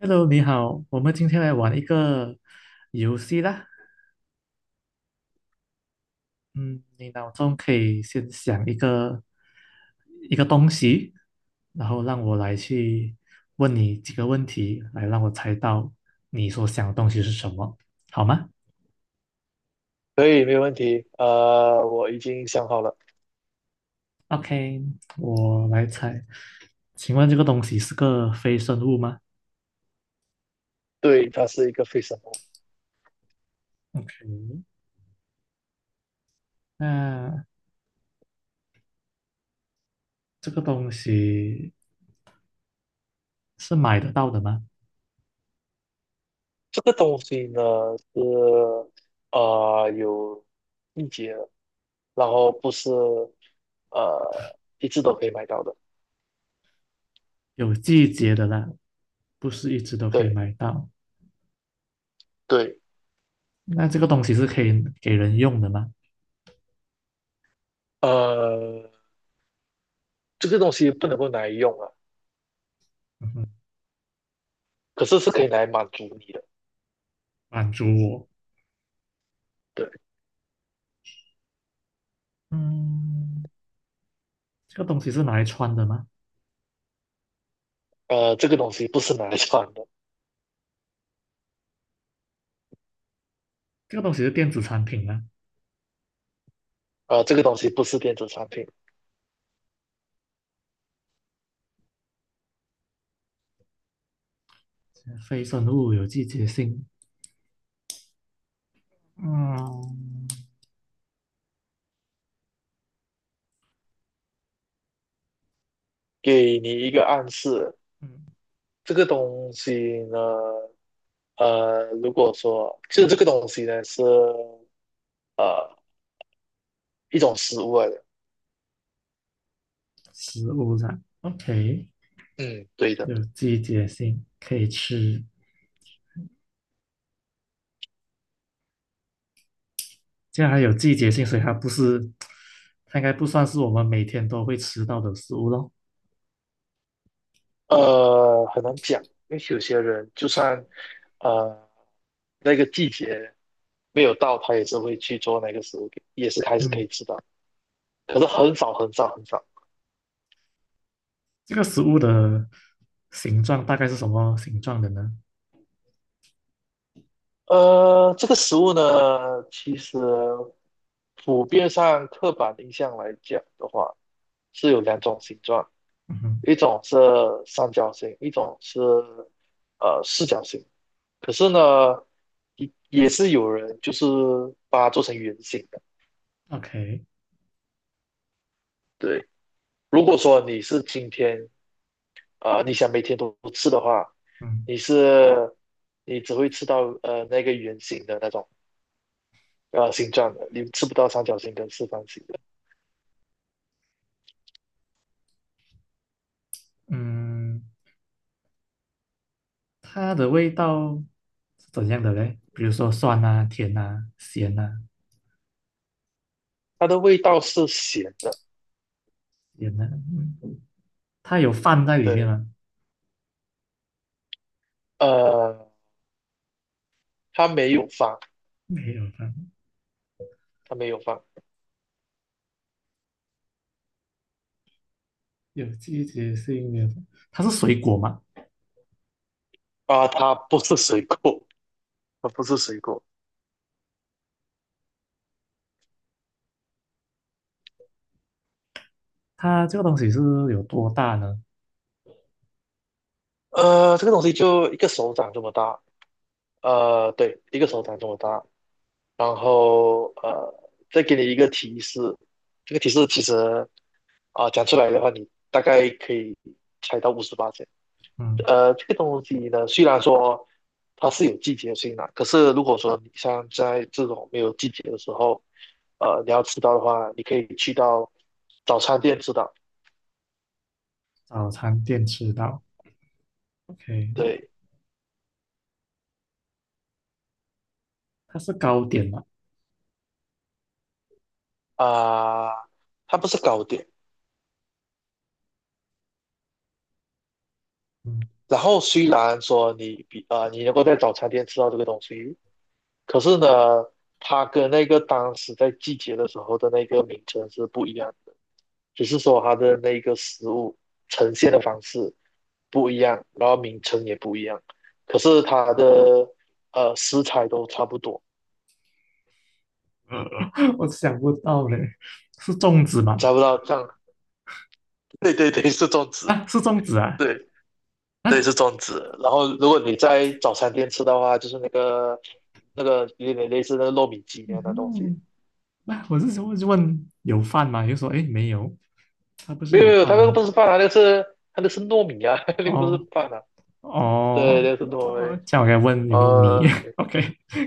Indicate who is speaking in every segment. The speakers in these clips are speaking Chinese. Speaker 1: Hello，你好，我们今天来玩一个游戏啦。嗯，你脑中可以先想一个东西，然后让我来去问你几个问题，来让我猜到你所想的东西是什么，好吗
Speaker 2: 可以，没有问题。我已经想好了。
Speaker 1: ？OK，我来猜。请问这个东西是个非生物吗
Speaker 2: 对，它是一个非什么？
Speaker 1: ？OK，那这个东西是买得到的吗？
Speaker 2: 这个东西呢是有季节的，然后不是一直都可以买到的。
Speaker 1: 有季节的啦，不是一直都可以
Speaker 2: 对
Speaker 1: 买到。
Speaker 2: 对。
Speaker 1: 那这个东西是可以给人用的吗？
Speaker 2: 呃，这个东西不能够拿来用啊，
Speaker 1: 嗯哼，
Speaker 2: 可是是可以拿来满足你的。
Speaker 1: 满足我。
Speaker 2: 对。
Speaker 1: 嗯，这个东西是拿来穿的吗？
Speaker 2: 这个东西不是拿来穿的。
Speaker 1: 这个东西是电子产品吗？
Speaker 2: 这个东西不是电子产品。
Speaker 1: 非生物有季节性。嗯
Speaker 2: 给你一个暗示，
Speaker 1: 嗯，
Speaker 2: 这个东西呢。如果说就是这个东西呢是呃一种食物来的。
Speaker 1: 食物上 OK，
Speaker 2: 嗯，对的。
Speaker 1: 有季节性可以吃。既然它有季节性，所以它不是，它应该不算是我们每天都会吃到的食物咯。
Speaker 2: 很难讲，因为有些人就算呃那个季节没有到，他也是会去做那个食物给，也是还是可
Speaker 1: 嗯，
Speaker 2: 以吃到，可是很少很少很少。
Speaker 1: 这个食物的形状大概是什么形状的呢？
Speaker 2: 这个食物呢，其实普遍上刻板印象来讲的话，是有两种形状，
Speaker 1: 嗯哼
Speaker 2: 一种是三角形，一种是四角形。可是呢，也是有人就是把它做成圆形的。
Speaker 1: ，OK，
Speaker 2: 对，如果说你是今天啊、呃你想每天都吃的话，
Speaker 1: 嗯
Speaker 2: 你是你只会吃到那个圆形的那种形状的，你吃不到三角形跟四方形的。
Speaker 1: 嗯，它的味道是怎样的嘞？比如说酸啊、甜啊、咸啊、
Speaker 2: 它的味道是咸的。
Speaker 1: 咸啊，嗯它有饭在里面
Speaker 2: 对。
Speaker 1: 吗？
Speaker 2: 呃，它没有放，
Speaker 1: 没有饭，
Speaker 2: 它没有放。
Speaker 1: 有季节性的。它是水果嘛？
Speaker 2: 它不是水果，它不是水果。
Speaker 1: 它这个东西是有多大呢？
Speaker 2: 这个东西就一个手掌这么大。对，一个手掌这么大。然后再给你一个提示，这个提示其实讲出来的话，你大概可以猜到58。
Speaker 1: 嗯，
Speaker 2: 这个东西呢，虽然说它是有季节性的，可是如果说你像在这种没有季节的时候，你要吃到的话，你可以去到早餐店吃到。
Speaker 1: 早餐店吃到，OK，
Speaker 2: 对。
Speaker 1: 它是糕点嘛？
Speaker 2: 啊、它不是糕点。
Speaker 1: 嗯，
Speaker 2: 然后虽然说你你能够在早餐店吃到这个东西，可是呢，它跟那个当时在季节的时候的那个名称是不一样的，只是说它的那个食物呈现的方式不一样，然后名称也不一样，可是它的食材都差不多。
Speaker 1: 我想不到嘞，是粽子
Speaker 2: 你猜
Speaker 1: 吗？
Speaker 2: 不到，这样。对对对，是粽子。
Speaker 1: 啊，是粽子啊
Speaker 2: 对对，
Speaker 1: 啊，
Speaker 2: 是粽子。然后如果你在早餐店吃的话，就是那个有点类似那个糯米鸡那样的东西。
Speaker 1: 嗯，那、我是说，就问有饭吗？又说诶没有，它不是
Speaker 2: 没有没
Speaker 1: 有
Speaker 2: 有，它
Speaker 1: 饭
Speaker 2: 那个
Speaker 1: 吗？
Speaker 2: 不是饭啊，它那个是糯米啊，那个不是
Speaker 1: 哦，
Speaker 2: 饭啊。对，
Speaker 1: 哦
Speaker 2: 那个是糯米。
Speaker 1: 哦，这样我该问有没有米
Speaker 2: 哦，OK。
Speaker 1: ？OK，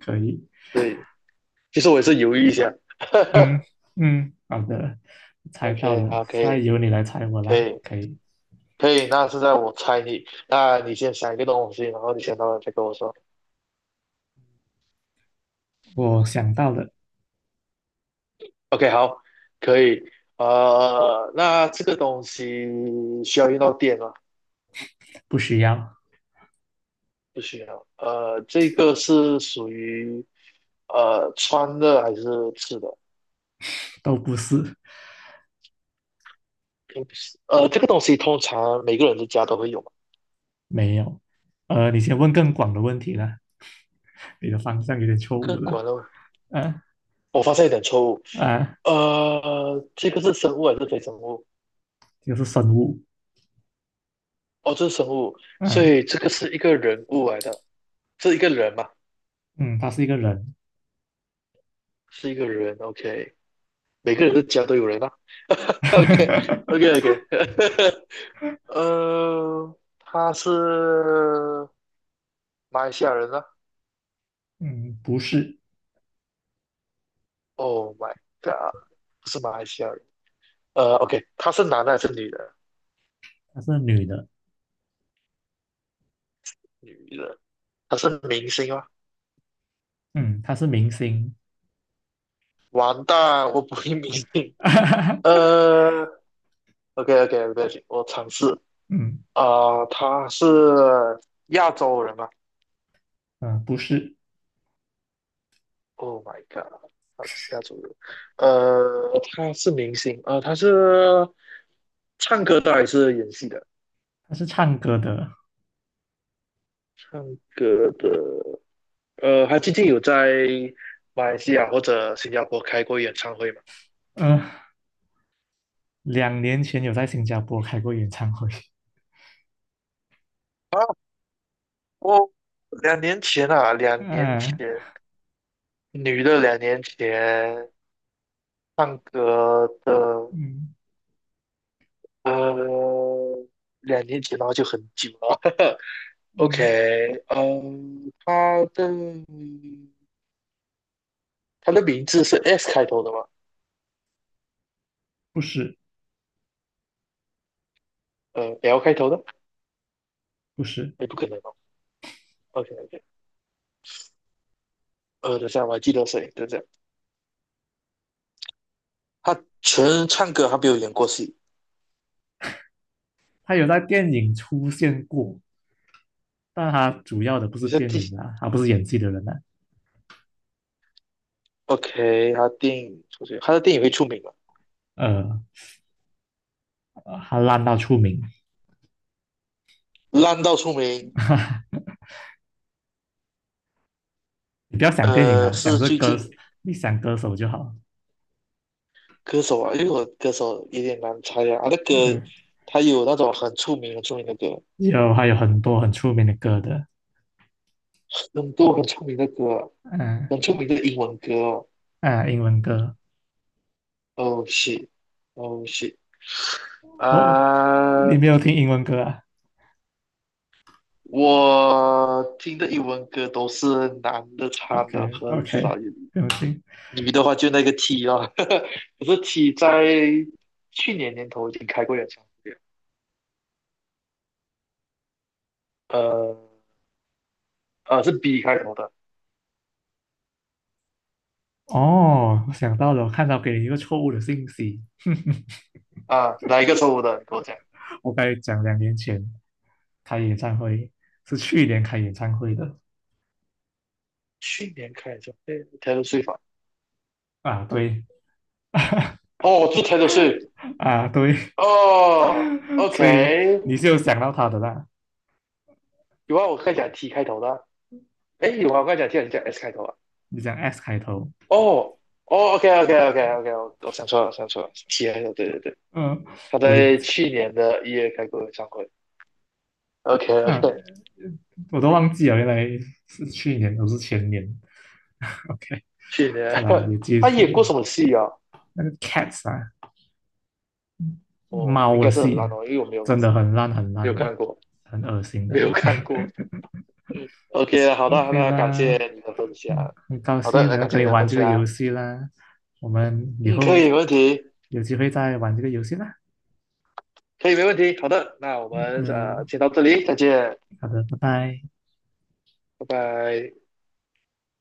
Speaker 1: 可以，
Speaker 2: 对，其实我也是犹豫一下。
Speaker 1: 嗯嗯，好的，猜到
Speaker 2: OK，
Speaker 1: 了，
Speaker 2: 好，可
Speaker 1: 现在
Speaker 2: 以，
Speaker 1: 由你来猜我
Speaker 2: 可
Speaker 1: 啦，
Speaker 2: 以，
Speaker 1: 可以，
Speaker 2: 可以。那现在我猜你，那你先想一个东西，然后你想到了再跟我说。
Speaker 1: 我想到了，
Speaker 2: OK，好，可以。那这个东西需要用到电吗？
Speaker 1: 不需要，
Speaker 2: 不需要。这个是属于穿的还是吃的？
Speaker 1: 都不是，
Speaker 2: 平时这个东西通常每个人的家都会有嘛。
Speaker 1: 没有，你先问更广的问题啦，你的方向有点错误
Speaker 2: 更
Speaker 1: 了，
Speaker 2: 管的，
Speaker 1: 啊
Speaker 2: 我发现一点错误。
Speaker 1: 啊，
Speaker 2: 这个是生物还是非生物？
Speaker 1: 就是生物，
Speaker 2: 哦，这是生物，所
Speaker 1: 嗯
Speaker 2: 以这个是一个人物来的，是一个人嘛，
Speaker 1: 嗯，她是一个人，
Speaker 2: 是一个人。OK，每个人的家都有人啊。OK，OK，OK。他是马来西亚人啊。
Speaker 1: 嗯，不是，
Speaker 2: Oh my god，不是马来西亚人。OK，他是男的还是女的？
Speaker 1: 她是女的，
Speaker 2: 女的，他是明星吗？
Speaker 1: 嗯，她是明星，
Speaker 2: 完蛋，我不会明星。呃，OK，OK，对不起，我尝试。
Speaker 1: 嗯
Speaker 2: 他是亚洲人吗？
Speaker 1: 嗯，不是，
Speaker 2: Oh my god，他不是亚洲人。他是明星。他是唱歌的还是演戏的？
Speaker 1: 她是唱歌的。
Speaker 2: 唱歌的。他最近有在马来西亚或者新加坡开过演唱会吗？
Speaker 1: 嗯、两年前有在新加坡开过演唱会。
Speaker 2: 啊，我两年前啊，两年
Speaker 1: 嗯、
Speaker 2: 前，女的两年前唱歌的。
Speaker 1: 嗯
Speaker 2: 呃，两年前然后就很久了。
Speaker 1: 嗯，
Speaker 2: OK，嗯，她的名字是 S 开头的吗？
Speaker 1: 不是
Speaker 2: L 开头的，
Speaker 1: 不是，
Speaker 2: 也不可能哦。OK OK。等下我还记得谁？等下，他纯唱歌，他没有演过戏。
Speaker 1: 他有在电影出现过，但他主要的不
Speaker 2: 你
Speaker 1: 是
Speaker 2: 在
Speaker 1: 电
Speaker 2: 第
Speaker 1: 影啊，他不是演技的人啊。
Speaker 2: OK，他电影出去，他的电影会出名吗？
Speaker 1: 呃，他烂到出名。
Speaker 2: 烂到出名。
Speaker 1: 你不要想电影
Speaker 2: 呃，
Speaker 1: 了，想
Speaker 2: 是
Speaker 1: 这
Speaker 2: 最
Speaker 1: 歌，
Speaker 2: 近
Speaker 1: 你想歌手就好。
Speaker 2: 歌手啊，因为我歌手有点难猜啊。他的歌，那个
Speaker 1: OK，
Speaker 2: 他有那种很出名、很出名的歌，
Speaker 1: 有还有很多很出名的歌的，
Speaker 2: 很多很出名的歌，
Speaker 1: 嗯
Speaker 2: 很出名的英文歌哦。
Speaker 1: 嗯，英文歌。
Speaker 2: Oh s h
Speaker 1: 哦，
Speaker 2: 啊、
Speaker 1: 你没有听英文歌啊
Speaker 2: 我听的英文歌都是男的唱
Speaker 1: ？OK
Speaker 2: 的，很
Speaker 1: OK，
Speaker 2: 少有
Speaker 1: 不用听。
Speaker 2: 女的话就那个 T 哦。可是 T 在去年年头已经开过演唱会了。呃是 B 开头的。
Speaker 1: 哦，我想到了，我看到给你一个错误的信息。
Speaker 2: 啊，哪一个错误的？你跟我讲，
Speaker 1: 我刚才讲两年前开演唱会，是去年开演唱会的
Speaker 2: 去年开演唱会 Taylor Swift 啊。
Speaker 1: 啊，对，
Speaker 2: 哦，是 Taylor Swift。
Speaker 1: 啊对，
Speaker 2: 哦
Speaker 1: 所以
Speaker 2: ，OK，
Speaker 1: 你是有想到他的啦。
Speaker 2: 有啊，我刚才讲 T 开头的啊。诶，有啊，我刚才讲 T 还是讲 S 开头啊？
Speaker 1: 你讲 S 开头，
Speaker 2: 哦哦，OK OK OK OK，我想错了，想错了，T 开头，对对对。
Speaker 1: 嗯、
Speaker 2: 他
Speaker 1: 我也
Speaker 2: 在去年的1月开过演唱会。OK
Speaker 1: 啊，
Speaker 2: OK，
Speaker 1: 我都忘记了，原来是去年，不是前年。OK，
Speaker 2: 去
Speaker 1: 看
Speaker 2: 年
Speaker 1: 到了也 记
Speaker 2: 他
Speaker 1: 错
Speaker 2: 演过
Speaker 1: 了。
Speaker 2: 什么戏啊？
Speaker 1: 那个 Cats 啊，
Speaker 2: 哦，应
Speaker 1: 猫的
Speaker 2: 该是很
Speaker 1: 戏
Speaker 2: 烂哦，因为我没有
Speaker 1: 真的很烂很
Speaker 2: 没有
Speaker 1: 烂的，
Speaker 2: 看过，
Speaker 1: 很恶心的。
Speaker 2: 没有看
Speaker 1: OK。
Speaker 2: 过。嗯 OK，好的，
Speaker 1: OK
Speaker 2: 那感谢
Speaker 1: 啦，
Speaker 2: 你的分享。
Speaker 1: 嗯，很高
Speaker 2: 好的，
Speaker 1: 兴
Speaker 2: 那
Speaker 1: 能够
Speaker 2: 感谢
Speaker 1: 跟
Speaker 2: 你
Speaker 1: 你
Speaker 2: 的
Speaker 1: 玩
Speaker 2: 分
Speaker 1: 这个
Speaker 2: 享。
Speaker 1: 游戏啦，我们以
Speaker 2: 嗯，
Speaker 1: 后
Speaker 2: 可以，没问题，
Speaker 1: 有机会再玩这个游戏啦。
Speaker 2: 可以，没问题。好的，那我们
Speaker 1: 嗯，
Speaker 2: 先到这里，再见，
Speaker 1: 好的，拜拜。
Speaker 2: 拜拜。